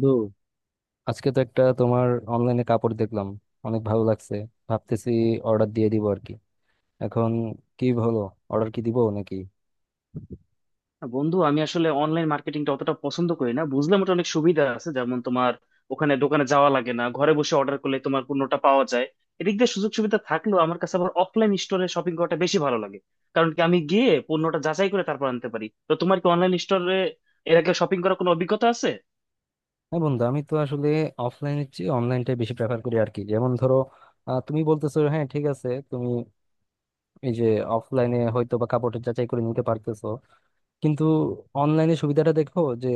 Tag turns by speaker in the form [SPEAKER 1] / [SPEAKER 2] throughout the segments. [SPEAKER 1] বন্ধু আজকে তো একটা তোমার অনলাইনে কাপড় দেখলাম, অনেক ভালো লাগছে, ভাবতেছি অর্ডার দিয়ে দিব আর কি। এখন কি হলো, অর্ডার কি দিব নাকি?
[SPEAKER 2] না বন্ধু আমি আসলে অনলাইন মার্কেটিংটা অতটা পছন্দ করি না, বুঝলাম ওটা অনেক সুবিধা আছে। যেমন তোমার ওখানে দোকানে যাওয়া লাগে না, ঘরে বসে অর্ডার করলে তোমার পণ্যটা পাওয়া যায়। এদিক দিয়ে সুযোগ সুবিধা থাকলেও আমার কাছে আবার অফলাইন স্টোরে শপিং করাটা বেশি ভালো লাগে। কারণ কি, আমি গিয়ে পণ্যটা যাচাই করে তারপর আনতে পারি। তো তোমার কি অনলাইন স্টোরে এর আগে শপিং করার কোনো অভিজ্ঞতা আছে?
[SPEAKER 1] হ্যাঁ বন্ধু, আমি তো আসলে অফলাইনের চেয়ে অনলাইনটা বেশি প্রেফার করি আর কি। যেমন ধরো, তুমি বলতেছো, হ্যাঁ ঠিক আছে, তুমি এই যে অফলাইনে হয়তো বা কাপড় যাচাই করে নিতে পারতেছো, কিন্তু অনলাইনে সুবিধাটা দেখো যে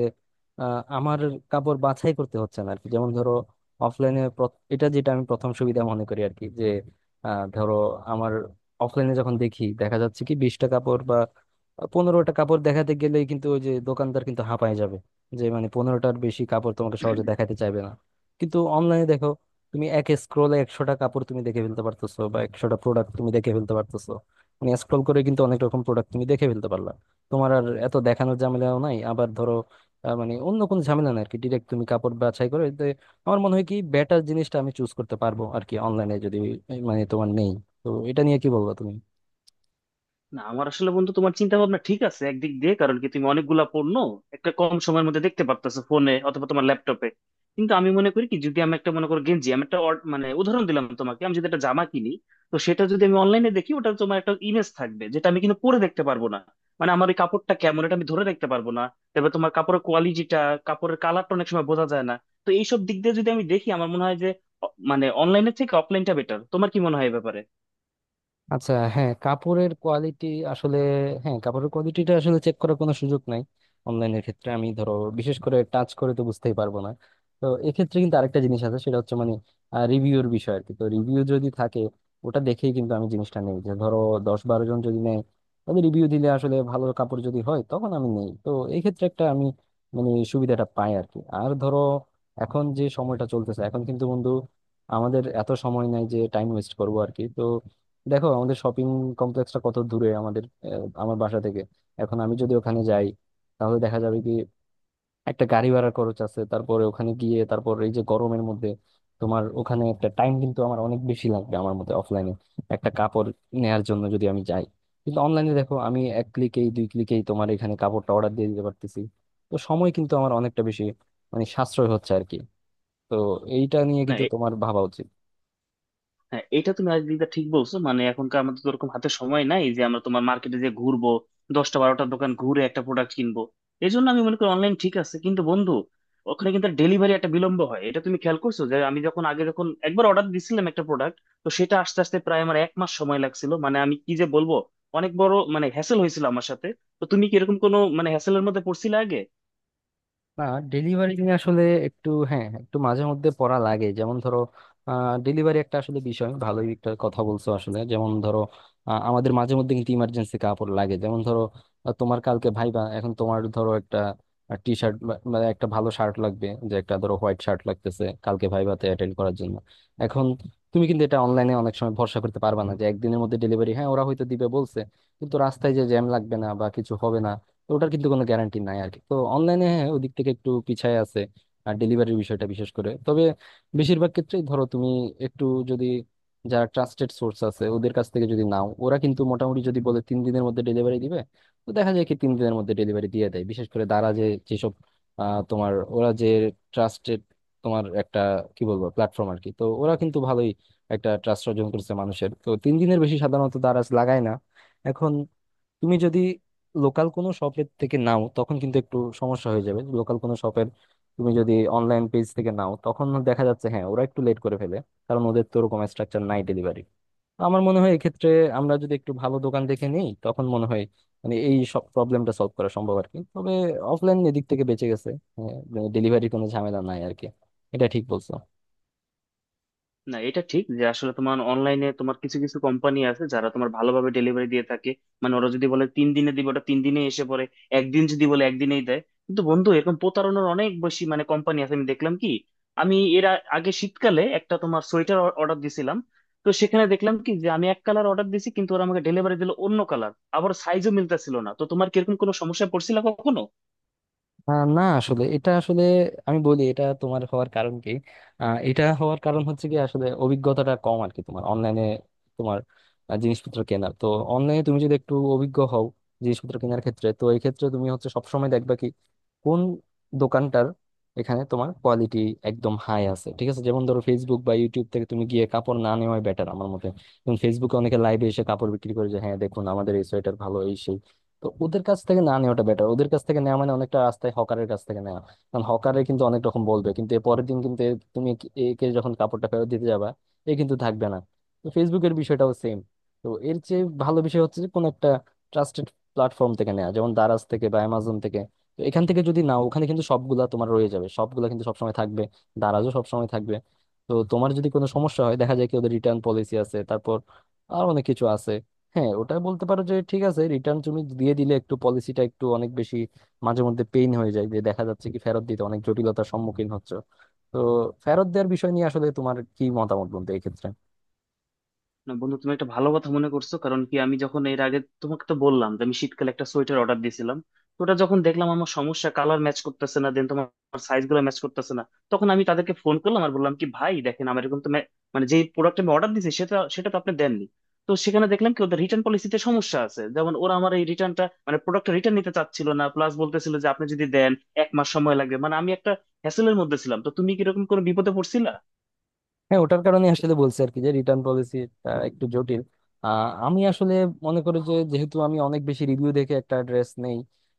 [SPEAKER 1] আমার কাপড় বাছাই করতে হচ্ছে না আর কি। যেমন ধরো অফলাইনে, এটা যেটা আমি প্রথম সুবিধা মনে করি আর কি, যে ধরো আমার অফলাইনে যখন দেখি, দেখা যাচ্ছে কি 20টা কাপড় বা 15টা কাপড় দেখাতে গেলেই কিন্তু ওই যে দোকানদার কিন্তু হাঁপায় যাবে, যে মানে 15টার বেশি কাপড় তোমাকে সহজে দেখাতে চাইবে না। কিন্তু অনলাইনে দেখো, তুমি এক স্ক্রোলে 100টা কাপড় তুমি দেখে ফেলতে পারতেছো বা 100টা প্রোডাক্ট তুমি দেখে ফেলতে পারতেছো, মানে স্ক্রল করে কিন্তু অনেক রকম প্রোডাক্ট তুমি দেখে ফেলতে পারলা। তোমার আর এত দেখানোর ঝামেলাও নাই। আবার ধরো মানে অন্য কোনো ঝামেলা নাই আর কি, ডিরেক্ট তুমি কাপড় বাছাই করে, তো আমার মনে হয় কি বেটার জিনিসটা আমি চুজ করতে পারবো আর কি অনলাইনে, যদি মানে তোমার নেই। তো এটা নিয়ে কি বলবো তুমি?
[SPEAKER 2] না আমার আসলে, বন্ধু, তোমার চিন্তা ভাবনা ঠিক আছে একদিক দিয়ে। কারণ কি তুমি অনেকগুলা পণ্য একটা কম সময়ের মধ্যে দেখতে পারতেছো ফোনে অথবা তোমার ল্যাপটপে। কিন্তু আমি মনে করি কি, যদি আমি একটা, মনে করো গেঞ্জি, আমি একটা মানে উদাহরণ দিলাম তোমাকে, আমি যদি একটা জামা কিনি, তো সেটা যদি আমি অনলাইনে দেখি, ওটা তোমার একটা ইমেজ থাকবে, যেটা আমি কিন্তু পরে দেখতে পারবো না। মানে আমার ওই কাপড়টা কেমন এটা আমি ধরে দেখতে পারবো না। তারপর তোমার কাপড়ের কোয়ালিটিটা, কাপড়ের কালারটা অনেক সময় বোঝা যায় না। তো এইসব দিক দিয়ে যদি আমি দেখি, আমার মনে হয় যে মানে অনলাইনের থেকে অফলাইনটা বেটার। তোমার কি মনে হয় এ ব্যাপারে?
[SPEAKER 1] আচ্ছা হ্যাঁ, কাপড়ের কোয়ালিটি আসলে, হ্যাঁ কাপড়ের কোয়ালিটিটা আসলে চেক করার কোনো সুযোগ নাই অনলাইনের ক্ষেত্রে। আমি ধরো বিশেষ করে টাচ করে তো বুঝতেই পারবো না। তো এক্ষেত্রে কিন্তু আরেকটা জিনিস আছে, সেটা হচ্ছে মানে রিভিউর বিষয় আর কি। তো রিভিউ যদি থাকে, ওটা দেখেই কিন্তু আমি জিনিসটা নেই। যে ধরো 10-12 জন যদি নেয়, তাহলে রিভিউ দিলে আসলে ভালো কাপড় যদি হয় তখন আমি নেই তো। এই ক্ষেত্রে একটা আমি মানে সুবিধাটা পাই আর কি। আর ধরো এখন যে সময়টা চলতেছে, এখন কিন্তু বন্ধু আমাদের এত সময় নাই যে টাইম ওয়েস্ট করবো আর কি। তো দেখো আমাদের শপিং কমপ্লেক্সটা কত দূরে আমাদের, আমার বাসা থেকে। এখন আমি যদি ওখানে যাই, তাহলে দেখা যাবে কি একটা গাড়ি ভাড়া খরচ আছে, তারপরে ওখানে গিয়ে তারপর এই যে গরমের মধ্যে তোমার ওখানে একটা টাইম কিন্তু আমার অনেক বেশি লাগবে আমার মতে অফলাইনে একটা কাপড় নেয়ার জন্য যদি আমি যাই। কিন্তু অনলাইনে দেখো আমি এক ক্লিকেই দুই ক্লিকেই তোমার এখানে কাপড়টা অর্ডার দিয়ে দিতে পারতেছি। তো সময় কিন্তু আমার অনেকটা বেশি মানে সাশ্রয় হচ্ছে আর কি। তো এইটা নিয়ে
[SPEAKER 2] না
[SPEAKER 1] কিন্তু তোমার ভাবা উচিত।
[SPEAKER 2] হ্যাঁ, এটা তুমি আজ দিকটা ঠিক বলছো। মানে এখনকার আমাদের তো ওরকম হাতে সময় নাই যে আমরা তোমার মার্কেটে যে ঘুরবো, দশটা বারোটা দোকান ঘুরে একটা প্রোডাক্ট কিনবো। এই জন্য আমি মনে করি অনলাইন ঠিক আছে। কিন্তু বন্ধু, ওখানে কিন্তু ডেলিভারি একটা বিলম্ব হয়, এটা তুমি খেয়াল করছো। যে আমি যখন আগে যখন একবার অর্ডার দিছিলাম একটা প্রোডাক্ট, তো সেটা আস্তে আস্তে প্রায় আমার এক মাস সময় লাগছিল। মানে আমি কি যে বলবো, অনেক বড় মানে হ্যাসেল হয়েছিল আমার সাথে। তো তুমি কি এরকম কোনো মানে হ্যাসেলের মধ্যে পড়ছিলে আগে?
[SPEAKER 1] না, ডেলিভারি নিয়ে আসলে একটু হ্যাঁ একটু মাঝে মধ্যে পড়া লাগে। যেমন ধরো ডেলিভারি একটা আসলে বিষয় ভালোই একটা কথা বলছো আসলে। যেমন ধরো আমাদের মাঝে মধ্যে কিন্তু ইমার্জেন্সি কাপড় লাগে। যেমন ধরো তোমার কালকে ভাইবা, এখন তোমার ধরো একটা টি শার্ট, মানে একটা ভালো শার্ট লাগবে, যে একটা ধরো হোয়াইট শার্ট লাগতেছে কালকে ভাইভাতে অ্যাটেন্ড করার জন্য। এখন তুমি কিন্তু এটা অনলাইনে অনেক সময় ভরসা করতে পারবে না যে 1 দিনের মধ্যে ডেলিভারি, হ্যাঁ ওরা হয়তো দিবে বলছে, কিন্তু রাস্তায় যে জ্যাম লাগবে না বা কিছু হবে না, তো ওটার কিন্তু কোনো গ্যারান্টি নাই আর কি। তো অনলাইনে হ্যাঁ ওদিক থেকে একটু পিছায় আছে আর ডেলিভারির বিষয়টা বিশেষ করে। তবে বেশিরভাগ ক্ষেত্রেই ধরো তুমি একটু যদি, যারা ট্রাস্টেড সোর্স আছে ওদের কাছ থেকে যদি নাও, ওরা কিন্তু মোটামুটি যদি বলে 3 দিনের মধ্যে ডেলিভারি দিবে, তো দেখা যায় কি 3 দিনের মধ্যে ডেলিভারি দিয়ে দেয়। বিশেষ করে দ্বারা, যে যেসব তোমার ওরা যে ট্রাস্টেড তোমার একটা কি বলবো প্ল্যাটফর্ম আর কি, তো ওরা কিন্তু ভালোই একটা ট্রাস্ট অর্জন করছে মানুষের, তো 3 দিনের বেশি সাধারণত দ্বারা লাগায় না। এখন তুমি যদি লোকাল কোনো শপের থেকে নাও তখন কিন্তু একটু সমস্যা হয়ে যাবে। লোকাল কোনো শপের, তুমি যদি অনলাইন পেজ থেকে নাও, তখন দেখা যাচ্ছে হ্যাঁ ওরা একটু লেট করে ফেলে, কারণ ওদের তো ওরকম স্ট্রাকচার নাই ডেলিভারি। আমার মনে হয় এক্ষেত্রে আমরা যদি একটু ভালো দোকান দেখে নিই, তখন মনে হয় মানে এই সব প্রবলেমটা সলভ করা সম্ভব আর কি। তবে অফলাইন এদিক থেকে বেঁচে গেছে, ডেলিভারি কোনো ঝামেলা নাই আর কি, এটা ঠিক বলছো।
[SPEAKER 2] না এটা ঠিক যে আসলে তোমার অনলাইনে তোমার কিছু কিছু কোম্পানি আছে যারা তোমার ভালোভাবে ডেলিভারি দিয়ে থাকে। মানে ওরা যদি বলে তিন দিনে দিবে, ওটা তিন দিনে এসে পড়ে। একদিন যদি বলে একদিনেই দেয়। কিন্তু বন্ধু, এরকম প্রতারণার অনেক বেশি মানে কোম্পানি আছে। আমি দেখলাম কি, আমি এর আগে শীতকালে একটা তোমার সোয়েটার অর্ডার দিছিলাম, তো সেখানে দেখলাম কি যে আমি এক কালার অর্ডার দিছি কিন্তু ওরা আমাকে ডেলিভারি দিল অন্য কালার। আবার সাইজও মিলতেছিল না। তো তোমার কিরকম কোনো সমস্যায় পড়ছিল কখনো?
[SPEAKER 1] না আসলে এটা আসলে আমি বলি, এটা তোমার হওয়ার কারণ কি, এটা হওয়ার কারণ হচ্ছে কি আসলে অভিজ্ঞতাটা কম আর কি তোমার অনলাইনে তোমার জিনিসপত্র কেনার। তো অনলাইনে তুমি যদি একটু অভিজ্ঞ হও জিনিসপত্র কেনার ক্ষেত্রে, তো এই ক্ষেত্রে তুমি হচ্ছে সবসময় দেখবা কি কোন দোকানটার এখানে তোমার কোয়ালিটি একদম হাই আছে, ঠিক আছে? যেমন ধরো ফেসবুক বা ইউটিউব থেকে তুমি গিয়ে কাপড় না নেওয়াই বেটার আমার মতে। যেমন ফেসবুকে অনেকে লাইভে এসে কাপড় বিক্রি করে, যে হ্যাঁ দেখুন আমাদের এই সোয়েটার ভালো এই সেই, তো ওদের কাছ থেকে না নেওয়াটা বেটার। ওদের কাছ থেকে নেওয়া মানে অনেকটা রাস্তায় হকারের কাছ থেকে নেওয়া। কারণ হকারে কিন্তু অনেক রকম বলবে, কিন্তু এর পরের দিন কিন্তু তুমি একে একে যখন কাপড়টা ফেরত দিতে যাবা, এ কিন্তু থাকবে না। তো ফেসবুকের বিষয়টাও সেম। তো এর চেয়ে ভালো বিষয় হচ্ছে যে কোনো একটা ট্রাস্টেড প্ল্যাটফর্ম থেকে নেওয়া, যেমন দারাজ থেকে বা অ্যামাজন থেকে। তো এখান থেকে যদি নাও, ওখানে কিন্তু সবগুলা তোমার রয়ে যাবে, সবগুলা কিন্তু সবসময় থাকবে, দারাজও সবসময় থাকবে। তো তোমার যদি কোনো সমস্যা হয়, দেখা যায় কি ওদের রিটার্ন পলিসি আছে, তারপর আর অনেক কিছু আছে। হ্যাঁ ওটা বলতে পারো যে ঠিক আছে, রিটার্ন তুমি দিয়ে দিলে একটু পলিসিটা একটু অনেক বেশি মাঝে মধ্যে পেইন হয়ে যায়, যে দেখা যাচ্ছে কি ফেরত দিতে অনেক জটিলতার সম্মুখীন হচ্ছে। তো ফেরত দেওয়ার বিষয় নিয়ে আসলে তোমার কি মতামত বলতে এই ক্ষেত্রে?
[SPEAKER 2] না বন্ধু, তুমি একটা ভালো কথা মনে করছো। কারণ কি, আমি যখন এর আগে তোমাকে তো বললাম যে আমি শীতকালে একটা সোয়েটার অর্ডার দিয়েছিলাম, তো ওটা যখন দেখলাম, আমার সমস্যা কালার ম্যাচ করতেছে না, দেন তোমার সাইজ গুলো ম্যাচ করতেছে না। তখন আমি তাদেরকে ফোন করলাম আর বললাম কি, ভাই দেখেন, আমার এরকম তো মানে যে প্রোডাক্ট আমি অর্ডার দিয়েছি সেটা সেটা তো আপনি দেননি। তো সেখানে দেখলাম কি ওদের রিটার্ন পলিসিতে সমস্যা আছে। যেমন ওরা আমার এই রিটার্নটা মানে প্রোডাক্টটা রিটার্ন নিতে চাচ্ছিল না, প্লাস বলতেছিল যে আপনি যদি দেন এক মাস সময় লাগবে। মানে আমি একটা হ্যাসেলের মধ্যে ছিলাম। তো তুমি কি এরকম কোনো বিপদে পড়ছিলা?
[SPEAKER 1] হ্যাঁ ওটার কারণে আসলে বলছি আর কি যে রিটার্ন পলিসিটা একটু জটিল। আহ, আমি আসলে মনে করি যে যেহেতু আমি অনেক বেশি রিভিউ দেখে একটা ড্রেস নেই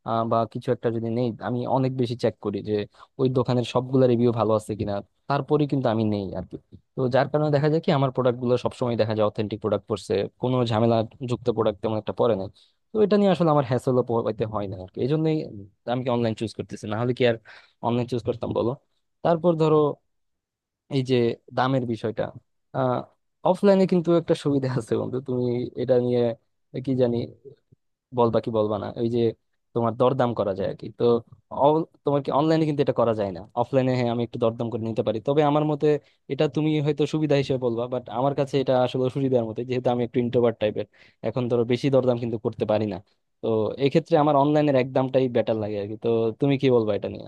[SPEAKER 1] বা কিছু একটা যদি নেই, আমি অনেক বেশি চেক করি যে ওই দোকানের সবগুলা রিভিউ ভালো আছে কিনা, তারপরে কিন্তু আমি নেই আর কি। তো যার কারণে দেখা যায় কি আমার প্রোডাক্ট গুলো সবসময় দেখা যায় অথেন্টিক প্রোডাক্ট পড়ছে, কোনো ঝামেলা যুক্ত প্রোডাক্ট তেমন একটা পড়ে না। তো এটা নিয়ে আসলে আমার হ্যাসেলও পোহাইতে হয় না আর কি। এই জন্যই আমি কি অনলাইন চুজ করতেছি, না হলে কি আর অনলাইন চুজ করতাম বলো। তারপর ধরো এই যে দামের বিষয়টা, আহ অফলাইনে কিন্তু একটা সুবিধা আছে বন্ধু। তুমি এটা নিয়ে কি জানি বলবা কি বলবা না, ওই যে তোমার দরদাম করা যায় আর কি। তো তোমার কি অনলাইনে কিন্তু এটা করা যায় না, অফলাইনে হ্যাঁ আমি একটু দরদাম করে নিতে পারি। তবে আমার মতে এটা তুমি হয়তো সুবিধা হিসেবে বলবা, বাট আমার কাছে এটা আসলে সুবিধার মতো, যেহেতু আমি একটু ইন্ট্রোভার্ট টাইপের। এখন ধরো বেশি দরদাম কিন্তু করতে পারি না, তো এক্ষেত্রে আমার অনলাইনের এক দামটাই বেটার লাগে আর কি। তো তুমি কি বলবা এটা নিয়ে?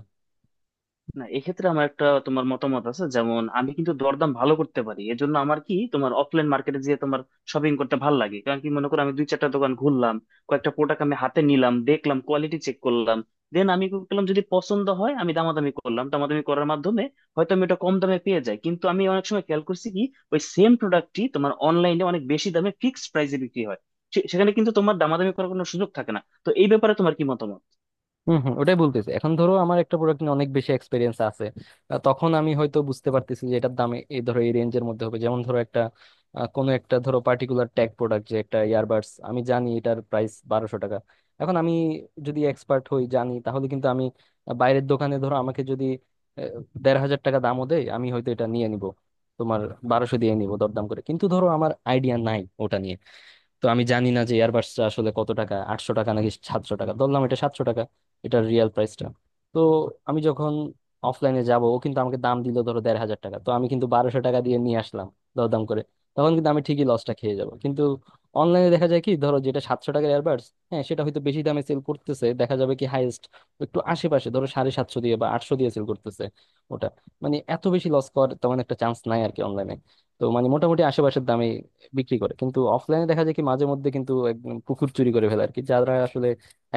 [SPEAKER 2] না এক্ষেত্রে আমার একটা তোমার মতামত আছে। যেমন আমি কিন্তু দরদাম ভালো করতে পারি, এজন্য আমার কি তোমার অফলাইন মার্কেটে যেয়ে তোমার শপিং করতে ভালো লাগে। কারণ কি, মনে করো আমি দুই চারটা দোকান ঘুরলাম, কয়েকটা প্রোডাক্ট আমি হাতে নিলাম, দেখলাম, কোয়ালিটি চেক করলাম, দেন আমি কি করলাম, যদি পছন্দ হয় আমি দামাদামি করলাম। দামাদামি করার মাধ্যমে হয়তো আমি ওটা কম দামে পেয়ে যাই। কিন্তু আমি অনেক সময় খেয়াল করছি কি, ওই সেম প্রোডাক্টটি তোমার অনলাইনে অনেক বেশি দামে ফিক্সড প্রাইসে বিক্রি হয়। সেখানে কিন্তু তোমার দামাদামি করার কোনো সুযোগ থাকে না। তো এই ব্যাপারে তোমার কি মতামত?
[SPEAKER 1] হম হম, ওটাই বলতেছি। এখন ধরো আমার একটা প্রোডাক্ট নিয়ে অনেক বেশি এক্সপিরিয়েন্স আছে, তখন আমি হয়তো বুঝতে পারতেছি যে এটার দামে এই ধরো এই রেঞ্জের মধ্যে হবে। যেমন ধরো একটা কোনো একটা ধরো পার্টিকুলার ট্যাগ প্রোডাক্ট, যে একটা ইয়ারবাডস আমি জানি এটার প্রাইস 1,200 টাকা। এখন আমি যদি এক্সপার্ট হই, জানি, তাহলে কিন্তু আমি বাইরের দোকানে ধরো আমাকে যদি আহ, 1,500 টাকা দামও দেয়, আমি হয়তো এটা নিয়ে নিব তোমার 1,200 দিয়ে নিব দরদাম করে। কিন্তু ধরো আমার আইডিয়া নাই ওটা নিয়ে, তো আমি জানি না যে এয়ারবাসটা আসলে কত টাকা, 800 টাকা নাকি 700 টাকা, ধরলাম এটা 700 টাকা এটার রিয়েল প্রাইসটা। তো আমি যখন অফলাইনে যাব, ও কিন্তু আমাকে দাম দিল ধরো 1,500 টাকা, তো আমি কিন্তু 1,200 টাকা দিয়ে নিয়ে আসলাম দরদাম করে, তখন কিন্তু আমি ঠিকই লসটা খেয়ে যাব। কিন্তু অনলাইনে দেখা যায় কি ধরো যেটা 700 টাকার এয়ারবাডস, হ্যাঁ সেটা হয়তো বেশি দামে সেল করতেছে, দেখা যাবে কি হাইয়েস্ট একটু আশেপাশে ধরো 750 দিয়ে বা 800 দিয়ে সেল করতেছে ওটা, মানে এত বেশি লস করার তেমন একটা চান্স নাই আর কি অনলাইনে। তো মানে মোটামুটি আশেপাশের দামে বিক্রি করে। কিন্তু অফলাইনে দেখা যায় কি মাঝে মধ্যে কিন্তু একদম পুকুর চুরি করে ফেলে আর কি। যারা আসলে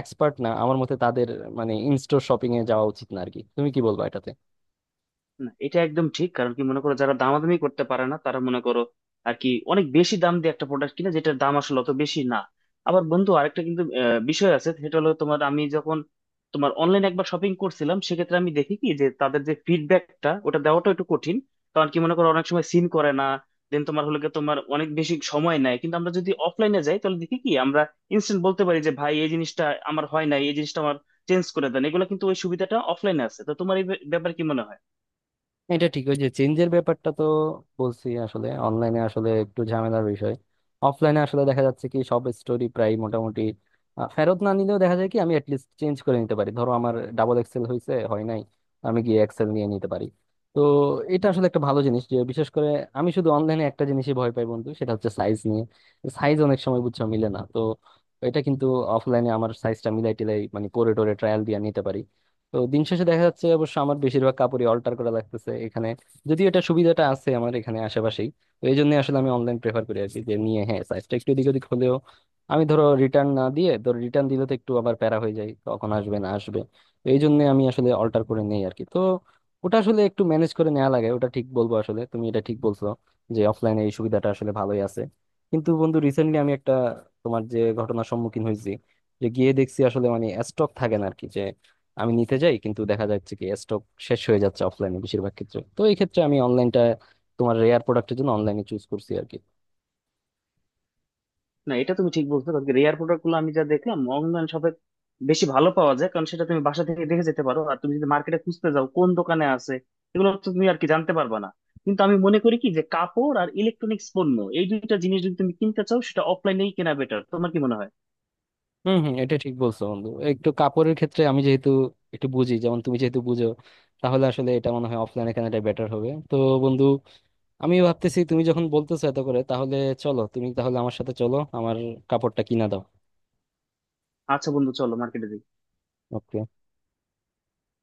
[SPEAKER 1] এক্সপার্ট না আমার মতে তাদের মানে ইনস্টোর শপিং এ যাওয়া উচিত না আর কি। তুমি কি বলবো এটাতে?
[SPEAKER 2] না এটা একদম ঠিক। কারণ কি, মনে করো যারা দামাদামি করতে পারে না তারা মনে করো আর কি, অনেক বেশি দাম দিয়ে একটা প্রোডাক্ট কিনে যেটার দাম আসলে অত বেশি না। আবার বন্ধু, আরেকটা কিন্তু বিষয় আছে, সেটা হলো তোমার আমি যখন তোমার অনলাইনে একবার শপিং করছিলাম, সেক্ষেত্রে আমি দেখি কি যে তাদের যে ফিডব্যাকটা ওটা দেওয়াটা একটু কঠিন। কারণ কি, মনে করো অনেক সময় সিন করে না, দেন তোমার হলে গিয়ে তোমার অনেক বেশি সময় নেয়। কিন্তু আমরা যদি অফলাইনে যাই, তাহলে দেখি কি আমরা ইনস্ট্যান্ট বলতে পারি যে ভাই এই জিনিসটা আমার হয় না, এই জিনিসটা আমার চেঞ্জ করে দেন। এগুলো কিন্তু ওই সুবিধাটা অফলাইনে আছে। তো তোমার এই ব্যাপারে কি মনে হয়?
[SPEAKER 1] এটা ঠিক, ওই যে চেঞ্জের ব্যাপারটা, তো বলছি আসলে অনলাইনে আসলে একটু ঝামেলার বিষয়। অফলাইনে আসলে দেখা যাচ্ছে কি সব স্টোরি প্রায় মোটামুটি ফেরত না নিলেও দেখা যায় কি আমি অ্যাটলিস্ট চেঞ্জ করে নিতে পারি। ধরো আমার ডাবল এক্সেল হয়েছে, হয় নাই, আমি গিয়ে এক্সেল নিয়ে নিতে পারি। তো এটা আসলে একটা ভালো জিনিস, যে বিশেষ করে আমি শুধু অনলাইনে একটা জিনিসই ভয় পাই বন্ধু, সেটা হচ্ছে সাইজ নিয়ে। সাইজ অনেক সময় বুঝছো মিলে না, তো এটা কিন্তু অফলাইনে আমার সাইজটা মিলাই টিলাই মানে করে টোরে ট্রায়াল দিয়ে নিতে পারি। তো দিন শেষে দেখা যাচ্ছে অবশ্য আমার বেশিরভাগ কাপড়ই অল্টার করা লাগতেছে এখানে, যদিও এটা সুবিধাটা আছে আমার এখানে আশেপাশেই। তো এই জন্য আসলে আমি অনলাইন প্রেফার করি আর কি, যে নিয়ে হ্যাঁ সাইজটা একটু এদিক ওদিক হলেও আমি ধরো রিটার্ন না দিয়ে, ধরো রিটার্ন দিলে তো একটু আবার প্যারা হয়ে যায় কখন আসবে না আসবে, তো এই জন্য আমি আসলে অল্টার করে নেই আর কি। তো ওটা আসলে একটু ম্যানেজ করে নেওয়া লাগে ওটা ঠিক বলবো। আসলে তুমি এটা ঠিক বলছো যে অফলাইনে এই সুবিধাটা আসলে ভালোই আছে। কিন্তু বন্ধু রিসেন্টলি আমি একটা তোমার যে ঘটনার সম্মুখীন হয়েছি, যে গিয়ে দেখছি আসলে মানে স্টক থাকে না আর কি। আমি নিতে যাই কিন্তু দেখা যাচ্ছে কি স্টক শেষ হয়ে যাচ্ছে অফলাইনে বেশিরভাগ ক্ষেত্রে, তো এই ক্ষেত্রে আমি অনলাইনটা তোমার রেয়ার প্রোডাক্টের জন্য অনলাইনে চুজ করছি আর কি।
[SPEAKER 2] না এটা তুমি ঠিক বলছো। কারণ রেয়ার প্রোডাক্ট গুলো আমি যা দেখলাম অনলাইন শপে বেশি ভালো পাওয়া যায়। কারণ সেটা তুমি বাসা থেকে দেখে যেতে পারো, আর তুমি যদি মার্কেটে খুঁজতে যাও কোন দোকানে আছে এগুলো তো তুমি আর কি জানতে পারবা না। কিন্তু আমি মনে করি কি, যে কাপড় আর ইলেকট্রনিক্স পণ্য, এই দুইটা জিনিস যদি তুমি কিনতে চাও সেটা অফলাইনেই কেনা বেটার। তোমার কি মনে হয়?
[SPEAKER 1] হম হম, এটা ঠিক বলছো বন্ধু। একটু কাপড়ের ক্ষেত্রে আমি যেহেতু একটু বুঝি, যেমন তুমি যেহেতু বুঝো, তাহলে আসলে এটা মনে হয় অফলাইনে কেনাটা বেটার হবে। তো বন্ধু আমি ভাবতেছি তুমি যখন বলতেছো এত করে, তাহলে চলো, তুমি তাহলে আমার সাথে চলো, আমার কাপড়টা কিনা দাও।
[SPEAKER 2] আচ্ছা বন্ধু, চলো মার্কেটে।
[SPEAKER 1] Okay.